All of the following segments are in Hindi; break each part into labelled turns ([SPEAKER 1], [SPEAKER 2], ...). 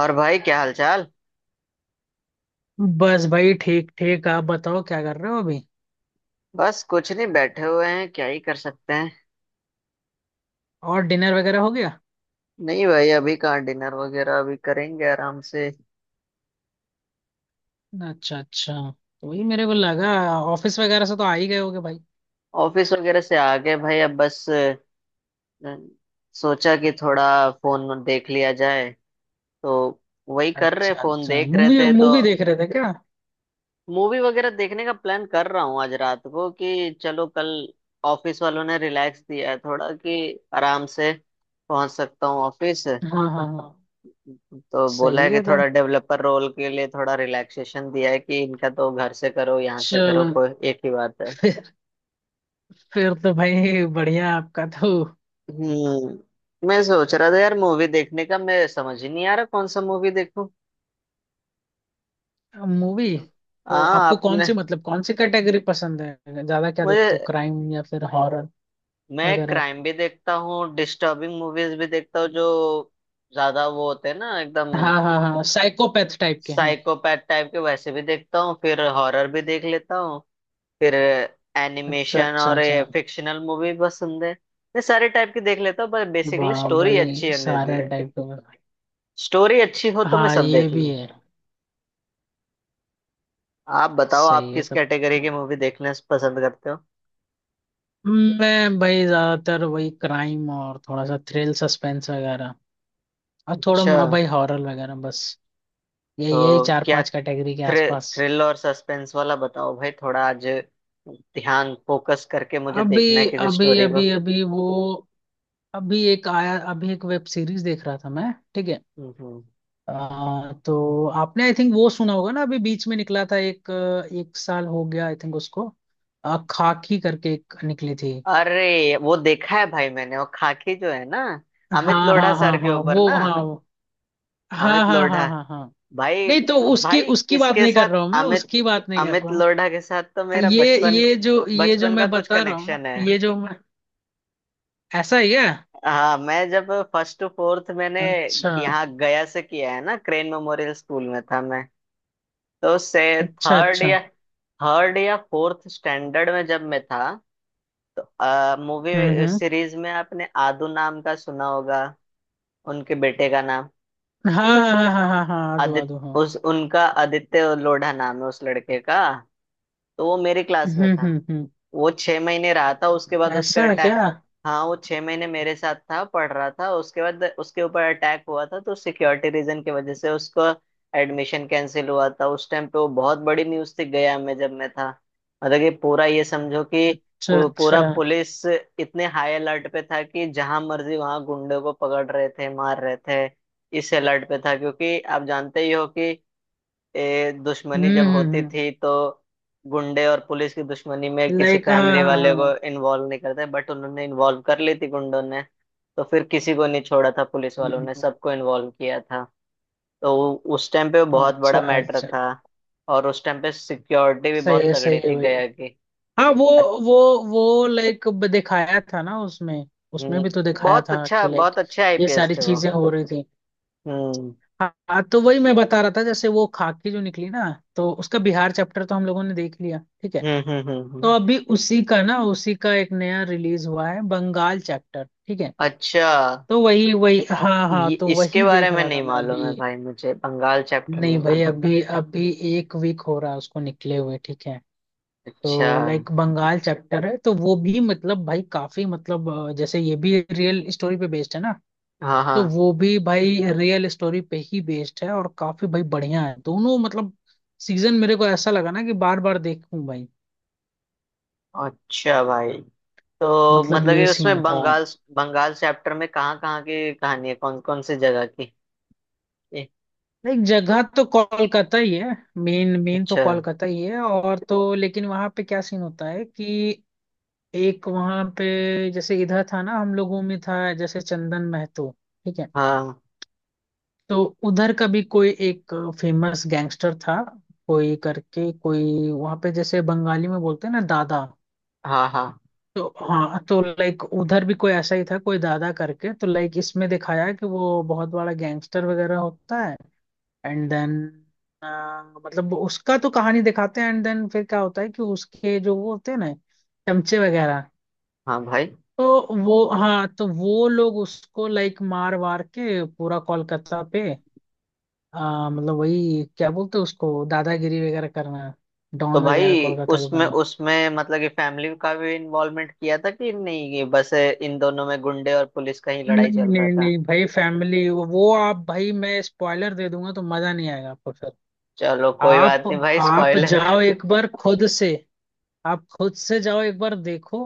[SPEAKER 1] और भाई क्या हालचाल।
[SPEAKER 2] बस भाई, ठीक ठीक। आप बताओ क्या कर रहे हो अभी।
[SPEAKER 1] बस कुछ नहीं बैठे हुए हैं क्या ही कर सकते हैं।
[SPEAKER 2] और डिनर वगैरह हो गया?
[SPEAKER 1] नहीं भाई अभी कहाँ डिनर वगैरह, अभी करेंगे आराम से।
[SPEAKER 2] अच्छा अच्छा, तो वही मेरे को लगा। ऑफिस वगैरह से तो आ ही गए होगे भाई।
[SPEAKER 1] ऑफिस वगैरह से आ गए भाई, अब बस सोचा कि थोड़ा फोन देख लिया जाए, तो वही कर रहे,
[SPEAKER 2] अच्छा
[SPEAKER 1] फोन
[SPEAKER 2] अच्छा,
[SPEAKER 1] देख रहे
[SPEAKER 2] मूवी
[SPEAKER 1] थे तो।
[SPEAKER 2] मूवी देख रहे थे क्या?
[SPEAKER 1] मूवी वगैरह देखने का प्लान कर रहा हूँ आज रात को कि चलो, कल ऑफिस वालों ने रिलैक्स दिया है थोड़ा कि आराम से पहुंच सकता हूँ ऑफिस।
[SPEAKER 2] हाँ हाँ हाँ।
[SPEAKER 1] तो बोला
[SPEAKER 2] सही
[SPEAKER 1] है कि
[SPEAKER 2] है तब।
[SPEAKER 1] थोड़ा डेवलपर रोल के लिए थोड़ा रिलैक्सेशन दिया है कि इनका तो घर से करो यहाँ से करो,
[SPEAKER 2] चलो
[SPEAKER 1] कोई एक ही बात है।
[SPEAKER 2] फिर फिर तो भाई बढ़िया आपका तो।
[SPEAKER 1] हम्म, मैं सोच रहा था यार मूवी देखने का, मैं समझ ही नहीं आ रहा कौन सा मूवी देखूं।
[SPEAKER 2] मूवी तो
[SPEAKER 1] हाँ,
[SPEAKER 2] आपको कौन
[SPEAKER 1] आपने?
[SPEAKER 2] सी, मतलब कौन सी कैटेगरी पसंद है? ज्यादा क्या देखते हो,
[SPEAKER 1] मुझे,
[SPEAKER 2] क्राइम या फिर हॉरर
[SPEAKER 1] मैं
[SPEAKER 2] वगैरह?
[SPEAKER 1] क्राइम भी देखता हूँ, डिस्टर्बिंग मूवीज भी देखता हूँ जो ज्यादा वो होते हैं ना एकदम।
[SPEAKER 2] हाँ हाँ हाँ, साइकोपैथ टाइप के, हाँ।
[SPEAKER 1] साइकोपैथ टाइप के वैसे भी देखता हूँ, फिर हॉरर भी देख लेता हूँ, फिर
[SPEAKER 2] अच्छा
[SPEAKER 1] एनिमेशन
[SPEAKER 2] अच्छा
[SPEAKER 1] और
[SPEAKER 2] अच्छा।
[SPEAKER 1] ये फिक्शनल मूवी पसंद है। मैं सारे टाइप की देख लेता हूँ पर बेसिकली
[SPEAKER 2] वाह
[SPEAKER 1] स्टोरी
[SPEAKER 2] भाई,
[SPEAKER 1] अच्छी होने दे,
[SPEAKER 2] सारा टाइप का।
[SPEAKER 1] स्टोरी अच्छी हो तो मैं
[SPEAKER 2] हाँ
[SPEAKER 1] सब
[SPEAKER 2] ये
[SPEAKER 1] देख
[SPEAKER 2] भी
[SPEAKER 1] लूँ।
[SPEAKER 2] है।
[SPEAKER 1] आप बताओ, आप
[SPEAKER 2] सही है
[SPEAKER 1] किस
[SPEAKER 2] तब।
[SPEAKER 1] कैटेगरी की
[SPEAKER 2] तो
[SPEAKER 1] मूवी देखना पसंद करते हो?
[SPEAKER 2] मैं भाई ज्यादातर वही क्राइम, और थोड़ा सा थ्रिल सस्पेंस वगैरह, और थोड़ा
[SPEAKER 1] अच्छा,
[SPEAKER 2] मोड़ा भाई हॉरर वगैरह बस। ये यही
[SPEAKER 1] तो
[SPEAKER 2] चार
[SPEAKER 1] क्या,
[SPEAKER 2] पांच कैटेगरी के
[SPEAKER 1] थ्रिल
[SPEAKER 2] आसपास।
[SPEAKER 1] थ्रिल और सस्पेंस वाला बताओ भाई थोड़ा आज, ध्यान फोकस करके मुझे
[SPEAKER 2] अभी
[SPEAKER 1] देखना है किसी
[SPEAKER 2] अभी
[SPEAKER 1] स्टोरी को।
[SPEAKER 2] अभी अभी वो अभी एक आया, अभी एक वेब सीरीज देख रहा था मैं, ठीक है।
[SPEAKER 1] हम्म।
[SPEAKER 2] तो आपने आई थिंक वो सुना होगा ना, अभी बीच में निकला था एक। एक साल हो गया आई थिंक उसको। खाकी करके एक निकली थी।
[SPEAKER 1] अरे वो देखा है भाई मैंने, वो खाकी जो है ना,
[SPEAKER 2] हाँ
[SPEAKER 1] अमित
[SPEAKER 2] हाँ
[SPEAKER 1] लोढ़ा
[SPEAKER 2] हाँ
[SPEAKER 1] सर
[SPEAKER 2] हाँ
[SPEAKER 1] के
[SPEAKER 2] हाँ,
[SPEAKER 1] ऊपर
[SPEAKER 2] वो
[SPEAKER 1] ना,
[SPEAKER 2] हाँ वो। हाँ
[SPEAKER 1] अमित
[SPEAKER 2] हाँ
[SPEAKER 1] लोढ़ा
[SPEAKER 2] हाँ हाँ हाँ।
[SPEAKER 1] भाई।
[SPEAKER 2] नहीं, तो उसकी
[SPEAKER 1] भाई,
[SPEAKER 2] उसकी बात
[SPEAKER 1] इसके
[SPEAKER 2] नहीं
[SPEAKER 1] साथ
[SPEAKER 2] कर रहा हूँ मैं,
[SPEAKER 1] अमित,
[SPEAKER 2] उसकी बात नहीं कर
[SPEAKER 1] अमित
[SPEAKER 2] रहा हूँ।
[SPEAKER 1] लोढ़ा के साथ तो मेरा
[SPEAKER 2] ये
[SPEAKER 1] बचपन,
[SPEAKER 2] ये जो ये जो
[SPEAKER 1] बचपन का
[SPEAKER 2] मैं
[SPEAKER 1] कुछ
[SPEAKER 2] बता रहा हूँ ना,
[SPEAKER 1] कनेक्शन है।
[SPEAKER 2] ये जो मैं, ऐसा ही है।
[SPEAKER 1] हाँ, मैं जब फर्स्ट टू फोर्थ मैंने
[SPEAKER 2] अच्छा
[SPEAKER 1] यहाँ गया से किया है ना, क्रेन मेमोरियल स्कूल में था मैं, तो से
[SPEAKER 2] अच्छा
[SPEAKER 1] थर्ड
[SPEAKER 2] अच्छा।
[SPEAKER 1] या फोर्थ स्टैंडर्ड में जब मैं था, मूवी
[SPEAKER 2] हम्म।
[SPEAKER 1] सीरीज में आपने आदू नाम का सुना होगा, उनके बेटे का नाम
[SPEAKER 2] हाँ हाँ हाँ हाँ हाँ हाँ, आदो आदो,
[SPEAKER 1] आदित्य।
[SPEAKER 2] हाँ।
[SPEAKER 1] उस उनका आदित्य लोढ़ा नाम है उस लड़के का, तो वो मेरी क्लास में था।
[SPEAKER 2] हम्म।
[SPEAKER 1] वो 6 महीने रहा था, उसके बाद उस पे
[SPEAKER 2] ऐसा है
[SPEAKER 1] अटैक।
[SPEAKER 2] क्या?
[SPEAKER 1] हाँ वो 6 महीने मेरे साथ था, पढ़ रहा था, उसके बाद उसके ऊपर अटैक हुआ था, तो सिक्योरिटी रीजन की वजह से उसको एडमिशन कैंसिल हुआ था। उस टाइम पे वो बहुत बड़ी न्यूज थी गया में, जब मैं था। मतलब कि पूरा, ये समझो कि
[SPEAKER 2] अच्छा
[SPEAKER 1] पूरा
[SPEAKER 2] अच्छा।
[SPEAKER 1] पुलिस इतने हाई अलर्ट पे था कि जहां मर्जी वहां गुंडे को पकड़ रहे थे, मार रहे थे। इस अलर्ट पे था, क्योंकि आप जानते ही हो कि दुश्मनी
[SPEAKER 2] हम्म
[SPEAKER 1] जब
[SPEAKER 2] हम्म
[SPEAKER 1] होती
[SPEAKER 2] हम्म।
[SPEAKER 1] थी तो गुंडे और पुलिस की दुश्मनी में किसी
[SPEAKER 2] लाइक हाँ
[SPEAKER 1] फैमिली
[SPEAKER 2] हाँ हाँ
[SPEAKER 1] वाले
[SPEAKER 2] हाँ।
[SPEAKER 1] को इन्वॉल्व नहीं करते, बट उन्होंने इन्वॉल्व कर ली थी गुंडों ने। तो फिर किसी को नहीं छोड़ा था पुलिस वालों ने,
[SPEAKER 2] हम्म,
[SPEAKER 1] सबको इन्वॉल्व किया था। तो उस टाइम पे वो बहुत बड़ा
[SPEAKER 2] अच्छा
[SPEAKER 1] मैटर
[SPEAKER 2] अच्छा।
[SPEAKER 1] था, और उस टाइम पे सिक्योरिटी भी बहुत
[SPEAKER 2] सही
[SPEAKER 1] तगड़ी
[SPEAKER 2] है
[SPEAKER 1] थी
[SPEAKER 2] भाई।
[SPEAKER 1] गया की।
[SPEAKER 2] हाँ वो,
[SPEAKER 1] अच-
[SPEAKER 2] वो वो लाइक दिखाया था ना उसमें, उसमें
[SPEAKER 1] हम्म,
[SPEAKER 2] भी तो दिखाया
[SPEAKER 1] बहुत
[SPEAKER 2] था
[SPEAKER 1] अच्छा,
[SPEAKER 2] कि लाइक
[SPEAKER 1] बहुत अच्छे
[SPEAKER 2] ये
[SPEAKER 1] आईपीएस
[SPEAKER 2] सारी
[SPEAKER 1] थे वो।
[SPEAKER 2] चीजें हो रही थी।
[SPEAKER 1] हम्म,
[SPEAKER 2] हाँ हाँ, तो वही मैं बता रहा था, जैसे वो खाकी जो निकली ना, तो उसका बिहार चैप्टर तो हम लोगों ने देख लिया, ठीक है।
[SPEAKER 1] हम्म, हम्म, हम्म,
[SPEAKER 2] तो अभी उसी का ना, उसी का एक नया रिलीज हुआ है, बंगाल चैप्टर, ठीक है।
[SPEAKER 1] अच्छा,
[SPEAKER 2] तो वही वही हाँ
[SPEAKER 1] ये
[SPEAKER 2] हाँ, तो
[SPEAKER 1] इसके
[SPEAKER 2] वही
[SPEAKER 1] बारे
[SPEAKER 2] देख
[SPEAKER 1] में
[SPEAKER 2] रहा था
[SPEAKER 1] नहीं
[SPEAKER 2] मैं
[SPEAKER 1] मालूम है
[SPEAKER 2] अभी।
[SPEAKER 1] भाई मुझे, बंगाल चैप्टर नहीं
[SPEAKER 2] नहीं भाई
[SPEAKER 1] मालूम।
[SPEAKER 2] अभी अभी, 1 वीक हो रहा है उसको निकले हुए, ठीक है।
[SPEAKER 1] अच्छा।
[SPEAKER 2] तो लाइक बंगाल चैप्टर है, तो वो भी मतलब भाई काफी, मतलब जैसे ये भी रियल स्टोरी पे बेस्ड है ना,
[SPEAKER 1] हाँ
[SPEAKER 2] तो
[SPEAKER 1] हाँ।
[SPEAKER 2] वो भी भाई रियल स्टोरी पे ही बेस्ड है, और काफी भाई बढ़िया है दोनों मतलब सीजन। मेरे को ऐसा लगा ना कि बार बार देखूं भाई।
[SPEAKER 1] अच्छा भाई। तो
[SPEAKER 2] मतलब
[SPEAKER 1] मतलब
[SPEAKER 2] ये
[SPEAKER 1] ये
[SPEAKER 2] सीन
[SPEAKER 1] उसमें
[SPEAKER 2] था।
[SPEAKER 1] बंगाल, चैप्टर में कहाँ कहाँ की कहानी है, कौन कौन सी जगह की ए,
[SPEAKER 2] लाइक जगह तो कोलकाता ही है, मेन मेन तो
[SPEAKER 1] अच्छा।
[SPEAKER 2] कोलकाता ही है, और तो लेकिन वहां पे क्या सीन होता है कि एक वहां पे, जैसे इधर था ना हम लोगों में, था जैसे चंदन महतो, ठीक है।
[SPEAKER 1] हाँ
[SPEAKER 2] तो उधर का भी कोई एक फेमस गैंगस्टर था, कोई करके, कोई वहां पे, जैसे बंगाली में बोलते हैं ना दादा।
[SPEAKER 1] हाँ हाँ
[SPEAKER 2] तो हाँ, तो लाइक उधर भी कोई ऐसा ही था, कोई दादा करके। तो लाइक इसमें दिखाया है कि वो बहुत बड़ा गैंगस्टर वगैरह होता है। एंड देन मतलब उसका तो कहानी दिखाते हैं, एंड देन फिर क्या होता है कि उसके जो वो होते हैं ना, चमचे वगैरह,
[SPEAKER 1] हाँ भाई।
[SPEAKER 2] तो वो हाँ तो वो लोग उसको लाइक मार वार के पूरा कोलकाता पे, हाँ, मतलब वही क्या बोलते हैं उसको, दादागिरी वगैरह करना,
[SPEAKER 1] तो
[SPEAKER 2] डॉन वगैरह
[SPEAKER 1] भाई
[SPEAKER 2] कोलकाता के
[SPEAKER 1] उसमें
[SPEAKER 2] बनना।
[SPEAKER 1] उसमें मतलब कि फैमिली का भी इन्वॉल्वमेंट किया था कि नहीं, ये बस इन दोनों में गुंडे और पुलिस का ही लड़ाई
[SPEAKER 2] नहीं
[SPEAKER 1] चल रहा
[SPEAKER 2] नहीं
[SPEAKER 1] था।
[SPEAKER 2] नहीं भाई, फैमिली वो आप भाई, मैं स्पॉइलर दे दूंगा तो मजा नहीं आएगा आपको फिर।
[SPEAKER 1] चलो कोई बात
[SPEAKER 2] आप
[SPEAKER 1] नहीं भाई
[SPEAKER 2] आप
[SPEAKER 1] स्पॉइलर का।
[SPEAKER 2] जाओ एक बार खुद से, आप खुद से जाओ एक बार देखो,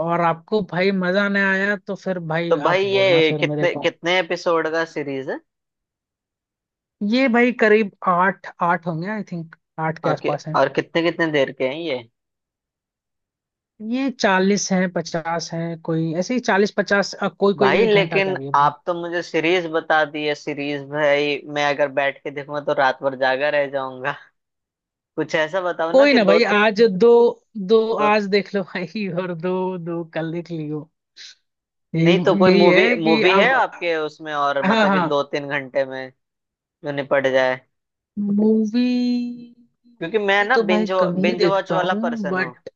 [SPEAKER 2] और आपको भाई मजा नहीं आया तो फिर
[SPEAKER 1] तो
[SPEAKER 2] भाई
[SPEAKER 1] भाई
[SPEAKER 2] आप बोलना
[SPEAKER 1] ये
[SPEAKER 2] फिर मेरे
[SPEAKER 1] कितने
[SPEAKER 2] को।
[SPEAKER 1] कितने एपिसोड का सीरीज है?
[SPEAKER 2] ये भाई करीब आठ, आठ होंगे आई थिंक, 8 के
[SPEAKER 1] और कि,
[SPEAKER 2] आसपास हैं।
[SPEAKER 1] और कितने कितने देर के हैं ये?
[SPEAKER 2] ये 40 हैं 50 हैं, कोई ऐसे ही 40-50, कोई कोई
[SPEAKER 1] भाई
[SPEAKER 2] 1 घंटा का
[SPEAKER 1] लेकिन
[SPEAKER 2] भी है।
[SPEAKER 1] आप तो मुझे सीरीज बता दी है सीरीज, भाई मैं अगर बैठ के देखूंगा तो रात भर जागा रह जाऊंगा। कुछ ऐसा बताओ ना
[SPEAKER 2] कोई
[SPEAKER 1] कि
[SPEAKER 2] ना
[SPEAKER 1] दो।
[SPEAKER 2] भाई, आज दो, दो,
[SPEAKER 1] दो
[SPEAKER 2] आज देख लो भाई, और दो दो कल देख लियो,
[SPEAKER 1] नहीं तो
[SPEAKER 2] यही।
[SPEAKER 1] कोई
[SPEAKER 2] यही
[SPEAKER 1] मूवी,
[SPEAKER 2] है कि
[SPEAKER 1] है
[SPEAKER 2] अब,
[SPEAKER 1] आपके उसमें, और
[SPEAKER 2] हाँ
[SPEAKER 1] मतलब कि
[SPEAKER 2] हाँ।
[SPEAKER 1] 2-3 घंटे में जो निपट जाए,
[SPEAKER 2] मूवी
[SPEAKER 1] क्योंकि मैं ना
[SPEAKER 2] तो भाई
[SPEAKER 1] बिंज,
[SPEAKER 2] कम ही
[SPEAKER 1] वॉच
[SPEAKER 2] देखता
[SPEAKER 1] वाला
[SPEAKER 2] हूँ
[SPEAKER 1] पर्सन हूँ।
[SPEAKER 2] बट,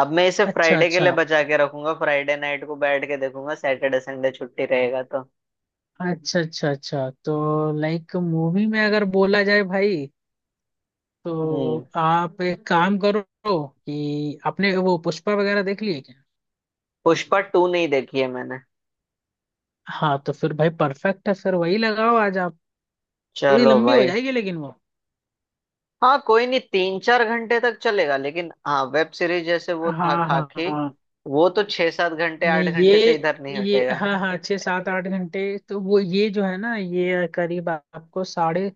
[SPEAKER 1] अब मैं इसे
[SPEAKER 2] अच्छा
[SPEAKER 1] फ्राइडे के लिए
[SPEAKER 2] अच्छा
[SPEAKER 1] बचा के रखूंगा, फ्राइडे नाइट को बैठ के देखूंगा, सैटरडे संडे छुट्टी रहेगा तो।
[SPEAKER 2] अच्छा। अच्छा अच्छा, तो लाइक मूवी में अगर बोला जाए भाई, तो
[SPEAKER 1] हम्म।
[SPEAKER 2] आप एक काम करो, कि आपने वो पुष्पा वगैरह देख लिए क्या?
[SPEAKER 1] पुष्पा टू नहीं देखी है मैंने।
[SPEAKER 2] हाँ, तो फिर भाई परफेक्ट है, फिर वही लगाओ आज आप। थोड़ी
[SPEAKER 1] चलो
[SPEAKER 2] लंबी हो
[SPEAKER 1] भाई।
[SPEAKER 2] जाएगी लेकिन वो,
[SPEAKER 1] हाँ कोई नहीं, 3-4 घंटे तक चलेगा लेकिन, हाँ वेब सीरीज जैसे वो था
[SPEAKER 2] हाँ हाँ
[SPEAKER 1] खाकी,
[SPEAKER 2] हाँ।
[SPEAKER 1] वो तो 6-7 घंटे, आठ
[SPEAKER 2] नहीं ये,
[SPEAKER 1] घंटे से इधर नहीं
[SPEAKER 2] ये
[SPEAKER 1] हटेगा।
[SPEAKER 2] हाँ हाँ, 6-7-8 घंटे तो वो, ये जो है ना, ये करीब आपको साढ़े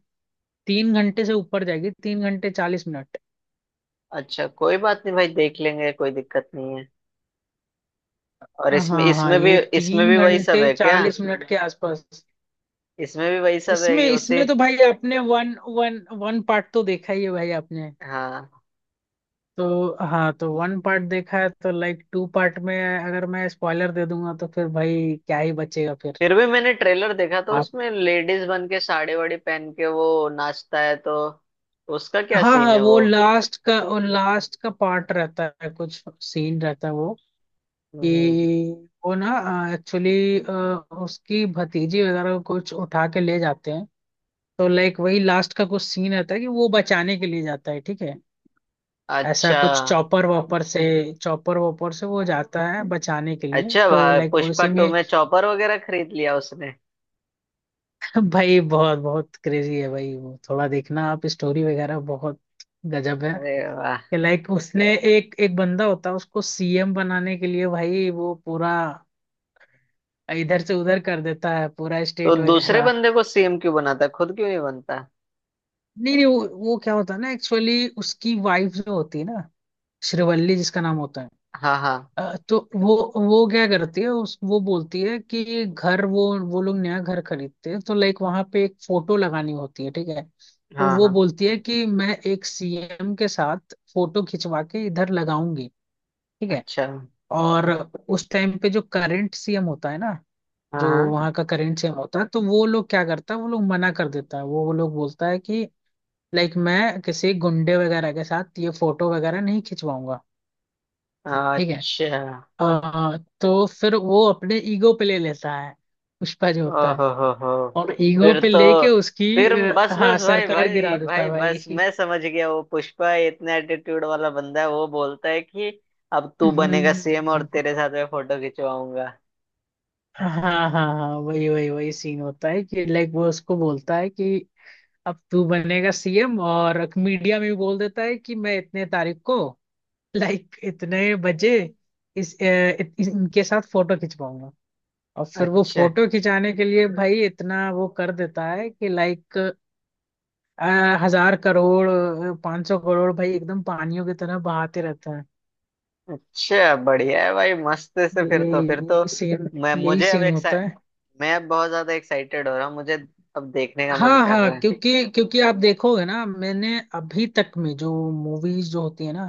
[SPEAKER 2] तीन घंटे से ऊपर जाएगी, 3 घंटे 40 मिनट।
[SPEAKER 1] अच्छा कोई बात नहीं भाई देख लेंगे, कोई दिक्कत नहीं है। और इसमें
[SPEAKER 2] हाँ हाँ, ये
[SPEAKER 1] इसमें
[SPEAKER 2] तीन
[SPEAKER 1] भी वही सब
[SPEAKER 2] घंटे
[SPEAKER 1] है क्या?
[SPEAKER 2] चालीस मिनट के आसपास।
[SPEAKER 1] इसमें भी वही सब है
[SPEAKER 2] इसमें
[SPEAKER 1] कि उसी,
[SPEAKER 2] इसमें तो भाई आपने वन वन वन पार्ट तो देखा ही है भाई आपने।
[SPEAKER 1] हाँ।
[SPEAKER 2] तो हाँ, तो वन पार्ट देखा है, तो लाइक टू पार्ट में अगर मैं स्पॉइलर दे दूंगा तो फिर भाई क्या ही बचेगा फिर।
[SPEAKER 1] फिर भी मैंने ट्रेलर देखा तो
[SPEAKER 2] आप,
[SPEAKER 1] उसमें लेडीज बन के साड़ी वाड़ी पहन के वो नाचता है, तो उसका क्या
[SPEAKER 2] हाँ
[SPEAKER 1] सीन
[SPEAKER 2] हाँ,
[SPEAKER 1] है
[SPEAKER 2] वो
[SPEAKER 1] वो?
[SPEAKER 2] लास्ट का, वो लास्ट का पार्ट रहता है, कुछ सीन रहता है वो, कि
[SPEAKER 1] हम्म।
[SPEAKER 2] वो ना, एक्चुअली उसकी भतीजी वगैरह को कुछ उठा के ले जाते हैं, तो लाइक वही लास्ट का कुछ सीन रहता है कि वो बचाने के लिए जाता है, ठीक है। ऐसा
[SPEAKER 1] अच्छा।
[SPEAKER 2] कुछ चॉपर वॉपर से, चॉपर वॉपर से वो जाता है बचाने के लिए,
[SPEAKER 1] अच्छा
[SPEAKER 2] तो
[SPEAKER 1] भाई,
[SPEAKER 2] लाइक वो
[SPEAKER 1] पुष्पा
[SPEAKER 2] इसी
[SPEAKER 1] टू
[SPEAKER 2] में
[SPEAKER 1] में चॉपर वगैरह खरीद लिया उसने?
[SPEAKER 2] भाई बहुत बहुत क्रेजी है भाई वो, थोड़ा देखना आप, स्टोरी वगैरह बहुत गजब
[SPEAKER 1] अरे
[SPEAKER 2] है।
[SPEAKER 1] वाह।
[SPEAKER 2] लाइक उसने, एक एक बंदा होता है उसको सीएम बनाने के लिए, भाई वो पूरा इधर से उधर कर देता है, पूरा
[SPEAKER 1] तो
[SPEAKER 2] स्टेट
[SPEAKER 1] दूसरे
[SPEAKER 2] वगैरह।
[SPEAKER 1] बंदे को सीएम क्यों बनाता है, खुद क्यों नहीं बनता?
[SPEAKER 2] नहीं नहीं, वो क्या होता है ना, एक्चुअली उसकी वाइफ जो होती है ना, श्रीवल्ली जिसका नाम होता है,
[SPEAKER 1] हाँ हाँ
[SPEAKER 2] तो वो क्या करती है, उस वो बोलती है कि घर, वो लोग नया घर खरीदते हैं, तो लाइक वहां पे एक फोटो लगानी होती है, ठीक है। तो
[SPEAKER 1] हाँ
[SPEAKER 2] वो
[SPEAKER 1] हाँ।
[SPEAKER 2] बोलती है कि मैं एक सीएम के साथ फोटो खिंचवा के इधर लगाऊंगी, ठीक है।
[SPEAKER 1] अच्छा हाँ।
[SPEAKER 2] और उस टाइम पे जो करंट सीएम होता है ना, जो वहाँ का करंट सीएम होता है, तो वो लोग क्या करता है, वो लोग मना कर देता है, वो लोग बोलता है कि लाइक मैं किसी गुंडे वगैरह के साथ ये फोटो वगैरह नहीं खिंचवाऊंगा,
[SPEAKER 1] हाँ।
[SPEAKER 2] ठीक है।
[SPEAKER 1] अच्छा।
[SPEAKER 2] तो फिर वो अपने ईगो पे ले लेता है, पुष्पा जो होता है,
[SPEAKER 1] ओहो हो हो।
[SPEAKER 2] और ईगो
[SPEAKER 1] फिर
[SPEAKER 2] पे
[SPEAKER 1] तो,
[SPEAKER 2] लेके उसकी,
[SPEAKER 1] फिर बस
[SPEAKER 2] हाँ
[SPEAKER 1] बस भाई
[SPEAKER 2] सरकार गिरा
[SPEAKER 1] भाई
[SPEAKER 2] देता है
[SPEAKER 1] भाई
[SPEAKER 2] भाई
[SPEAKER 1] बस मैं समझ गया, वो पुष्पा इतना एटीट्यूड वाला बंदा है, वो बोलता है कि अब तू
[SPEAKER 2] हम्म,
[SPEAKER 1] बनेगा
[SPEAKER 2] हम्म,
[SPEAKER 1] सीएम और
[SPEAKER 2] हम्म।
[SPEAKER 1] तेरे साथ मैं फोटो खिंचवाऊंगा।
[SPEAKER 2] हाँ हाँ हाँ, वही वही वही सीन होता है कि लाइक वो उसको बोलता है कि अब तू बनेगा सीएम, और मीडिया में भी बोल देता है कि मैं इतने तारीख को, लाइक इतने बजे, इस, अ, इनके साथ फोटो खिंचवाऊंगा। और फिर वो
[SPEAKER 1] अच्छा।
[SPEAKER 2] फोटो खिंचाने के लिए भाई इतना वो कर देता है कि लाइक 1000 करोड़, 500 करोड़ भाई एकदम पानियों की तरह बहाते रहता है।
[SPEAKER 1] अच्छा बढ़िया है भाई, मस्त से,
[SPEAKER 2] ये,
[SPEAKER 1] फिर तो
[SPEAKER 2] ये सीन।
[SPEAKER 1] मैं
[SPEAKER 2] यही
[SPEAKER 1] मुझे अब
[SPEAKER 2] सीन होता है।
[SPEAKER 1] मैं अब बहुत ज्यादा एक्साइटेड हो रहा हूँ, मुझे अब देखने का मन
[SPEAKER 2] हाँ
[SPEAKER 1] कर
[SPEAKER 2] हाँ,
[SPEAKER 1] रहा है।
[SPEAKER 2] क्योंकि क्योंकि आप देखोगे ना, मैंने अभी तक में जो मूवीज जो होती है ना,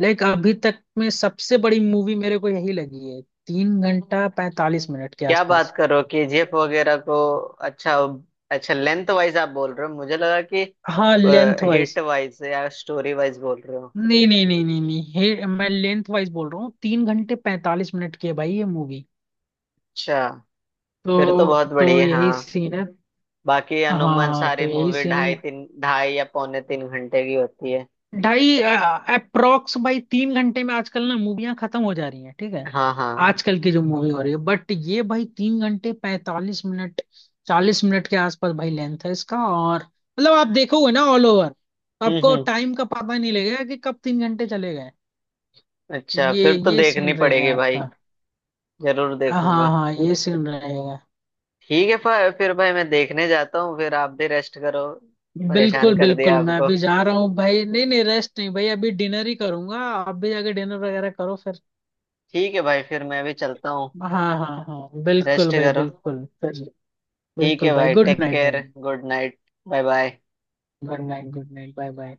[SPEAKER 2] लाइक अभी तक में सबसे बड़ी मूवी मेरे को यही लगी है, 3 घंटा 45 मिनट के
[SPEAKER 1] क्या
[SPEAKER 2] आसपास।
[SPEAKER 1] बात करो कि जीएफ वगैरह को। अच्छा। अच्छा लेंथ वाइज आप बोल रहे हो, मुझे लगा कि
[SPEAKER 2] हाँ लेंथ
[SPEAKER 1] हिट
[SPEAKER 2] वाइज।
[SPEAKER 1] वाइज या स्टोरी वाइज बोल रहे हो।
[SPEAKER 2] नहीं नहीं नहीं नहीं नहीं, हे मैं लेंथ वाइज बोल रहा हूँ, 3 घंटे 45 मिनट की है भाई ये मूवी।
[SPEAKER 1] अच्छा फिर तो बहुत
[SPEAKER 2] तो
[SPEAKER 1] बढ़िया है।
[SPEAKER 2] यही
[SPEAKER 1] हाँ।
[SPEAKER 2] सीन है।
[SPEAKER 1] बाकी
[SPEAKER 2] हाँ
[SPEAKER 1] अनुमान
[SPEAKER 2] हाँ,
[SPEAKER 1] सारी
[SPEAKER 2] तो यही
[SPEAKER 1] मूवी
[SPEAKER 2] सीन है।
[SPEAKER 1] ढाई तीन, ढाई या पौने तीन घंटे की होती है।
[SPEAKER 2] ढाई अप्रोक्स बाई तीन घंटे में आजकल ना मूवियां खत्म हो जा रही हैं, ठीक है,
[SPEAKER 1] हाँ हाँ।
[SPEAKER 2] आजकल की जो मूवी हो रही है, बट ये भाई 3 घंटे 45 मिनट, 40 मिनट के आसपास भाई लेंथ है इसका। और मतलब आप देखोगे ना ऑल ओवर, तो आपको
[SPEAKER 1] हम्म।
[SPEAKER 2] टाइम का पता नहीं लगेगा कि कब 3 घंटे चले गए।
[SPEAKER 1] अच्छा फिर तो
[SPEAKER 2] ये
[SPEAKER 1] देखनी
[SPEAKER 2] सीन रहेगा
[SPEAKER 1] पड़ेगी भाई,
[SPEAKER 2] आपका।
[SPEAKER 1] जरूर
[SPEAKER 2] हाँ
[SPEAKER 1] देखूंगा।
[SPEAKER 2] हाँ हाँ, ये सीन रहेगा।
[SPEAKER 1] ठीक है, फिर भाई मैं देखने जाता हूँ, फिर आप भी रेस्ट करो, परेशान
[SPEAKER 2] बिल्कुल
[SPEAKER 1] कर
[SPEAKER 2] बिल्कुल,
[SPEAKER 1] दिया
[SPEAKER 2] मैं
[SPEAKER 1] आपको।
[SPEAKER 2] अभी जा रहा हूँ भाई, नहीं नहीं रेस्ट नहीं भाई, अभी डिनर ही करूंगा, आप भी जाके डिनर वगैरह करो फिर।
[SPEAKER 1] ठीक है भाई फिर मैं भी चलता हूँ।
[SPEAKER 2] हाँ हाँ हाँ बिल्कुल
[SPEAKER 1] रेस्ट
[SPEAKER 2] भाई,
[SPEAKER 1] करो।
[SPEAKER 2] बिल्कुल चलिए।
[SPEAKER 1] ठीक
[SPEAKER 2] बिल्कुल
[SPEAKER 1] है
[SPEAKER 2] भाई,
[SPEAKER 1] भाई
[SPEAKER 2] गुड
[SPEAKER 1] टेक
[SPEAKER 2] नाइट भाई।
[SPEAKER 1] Care good night, bye bye.
[SPEAKER 2] Good night bye bye.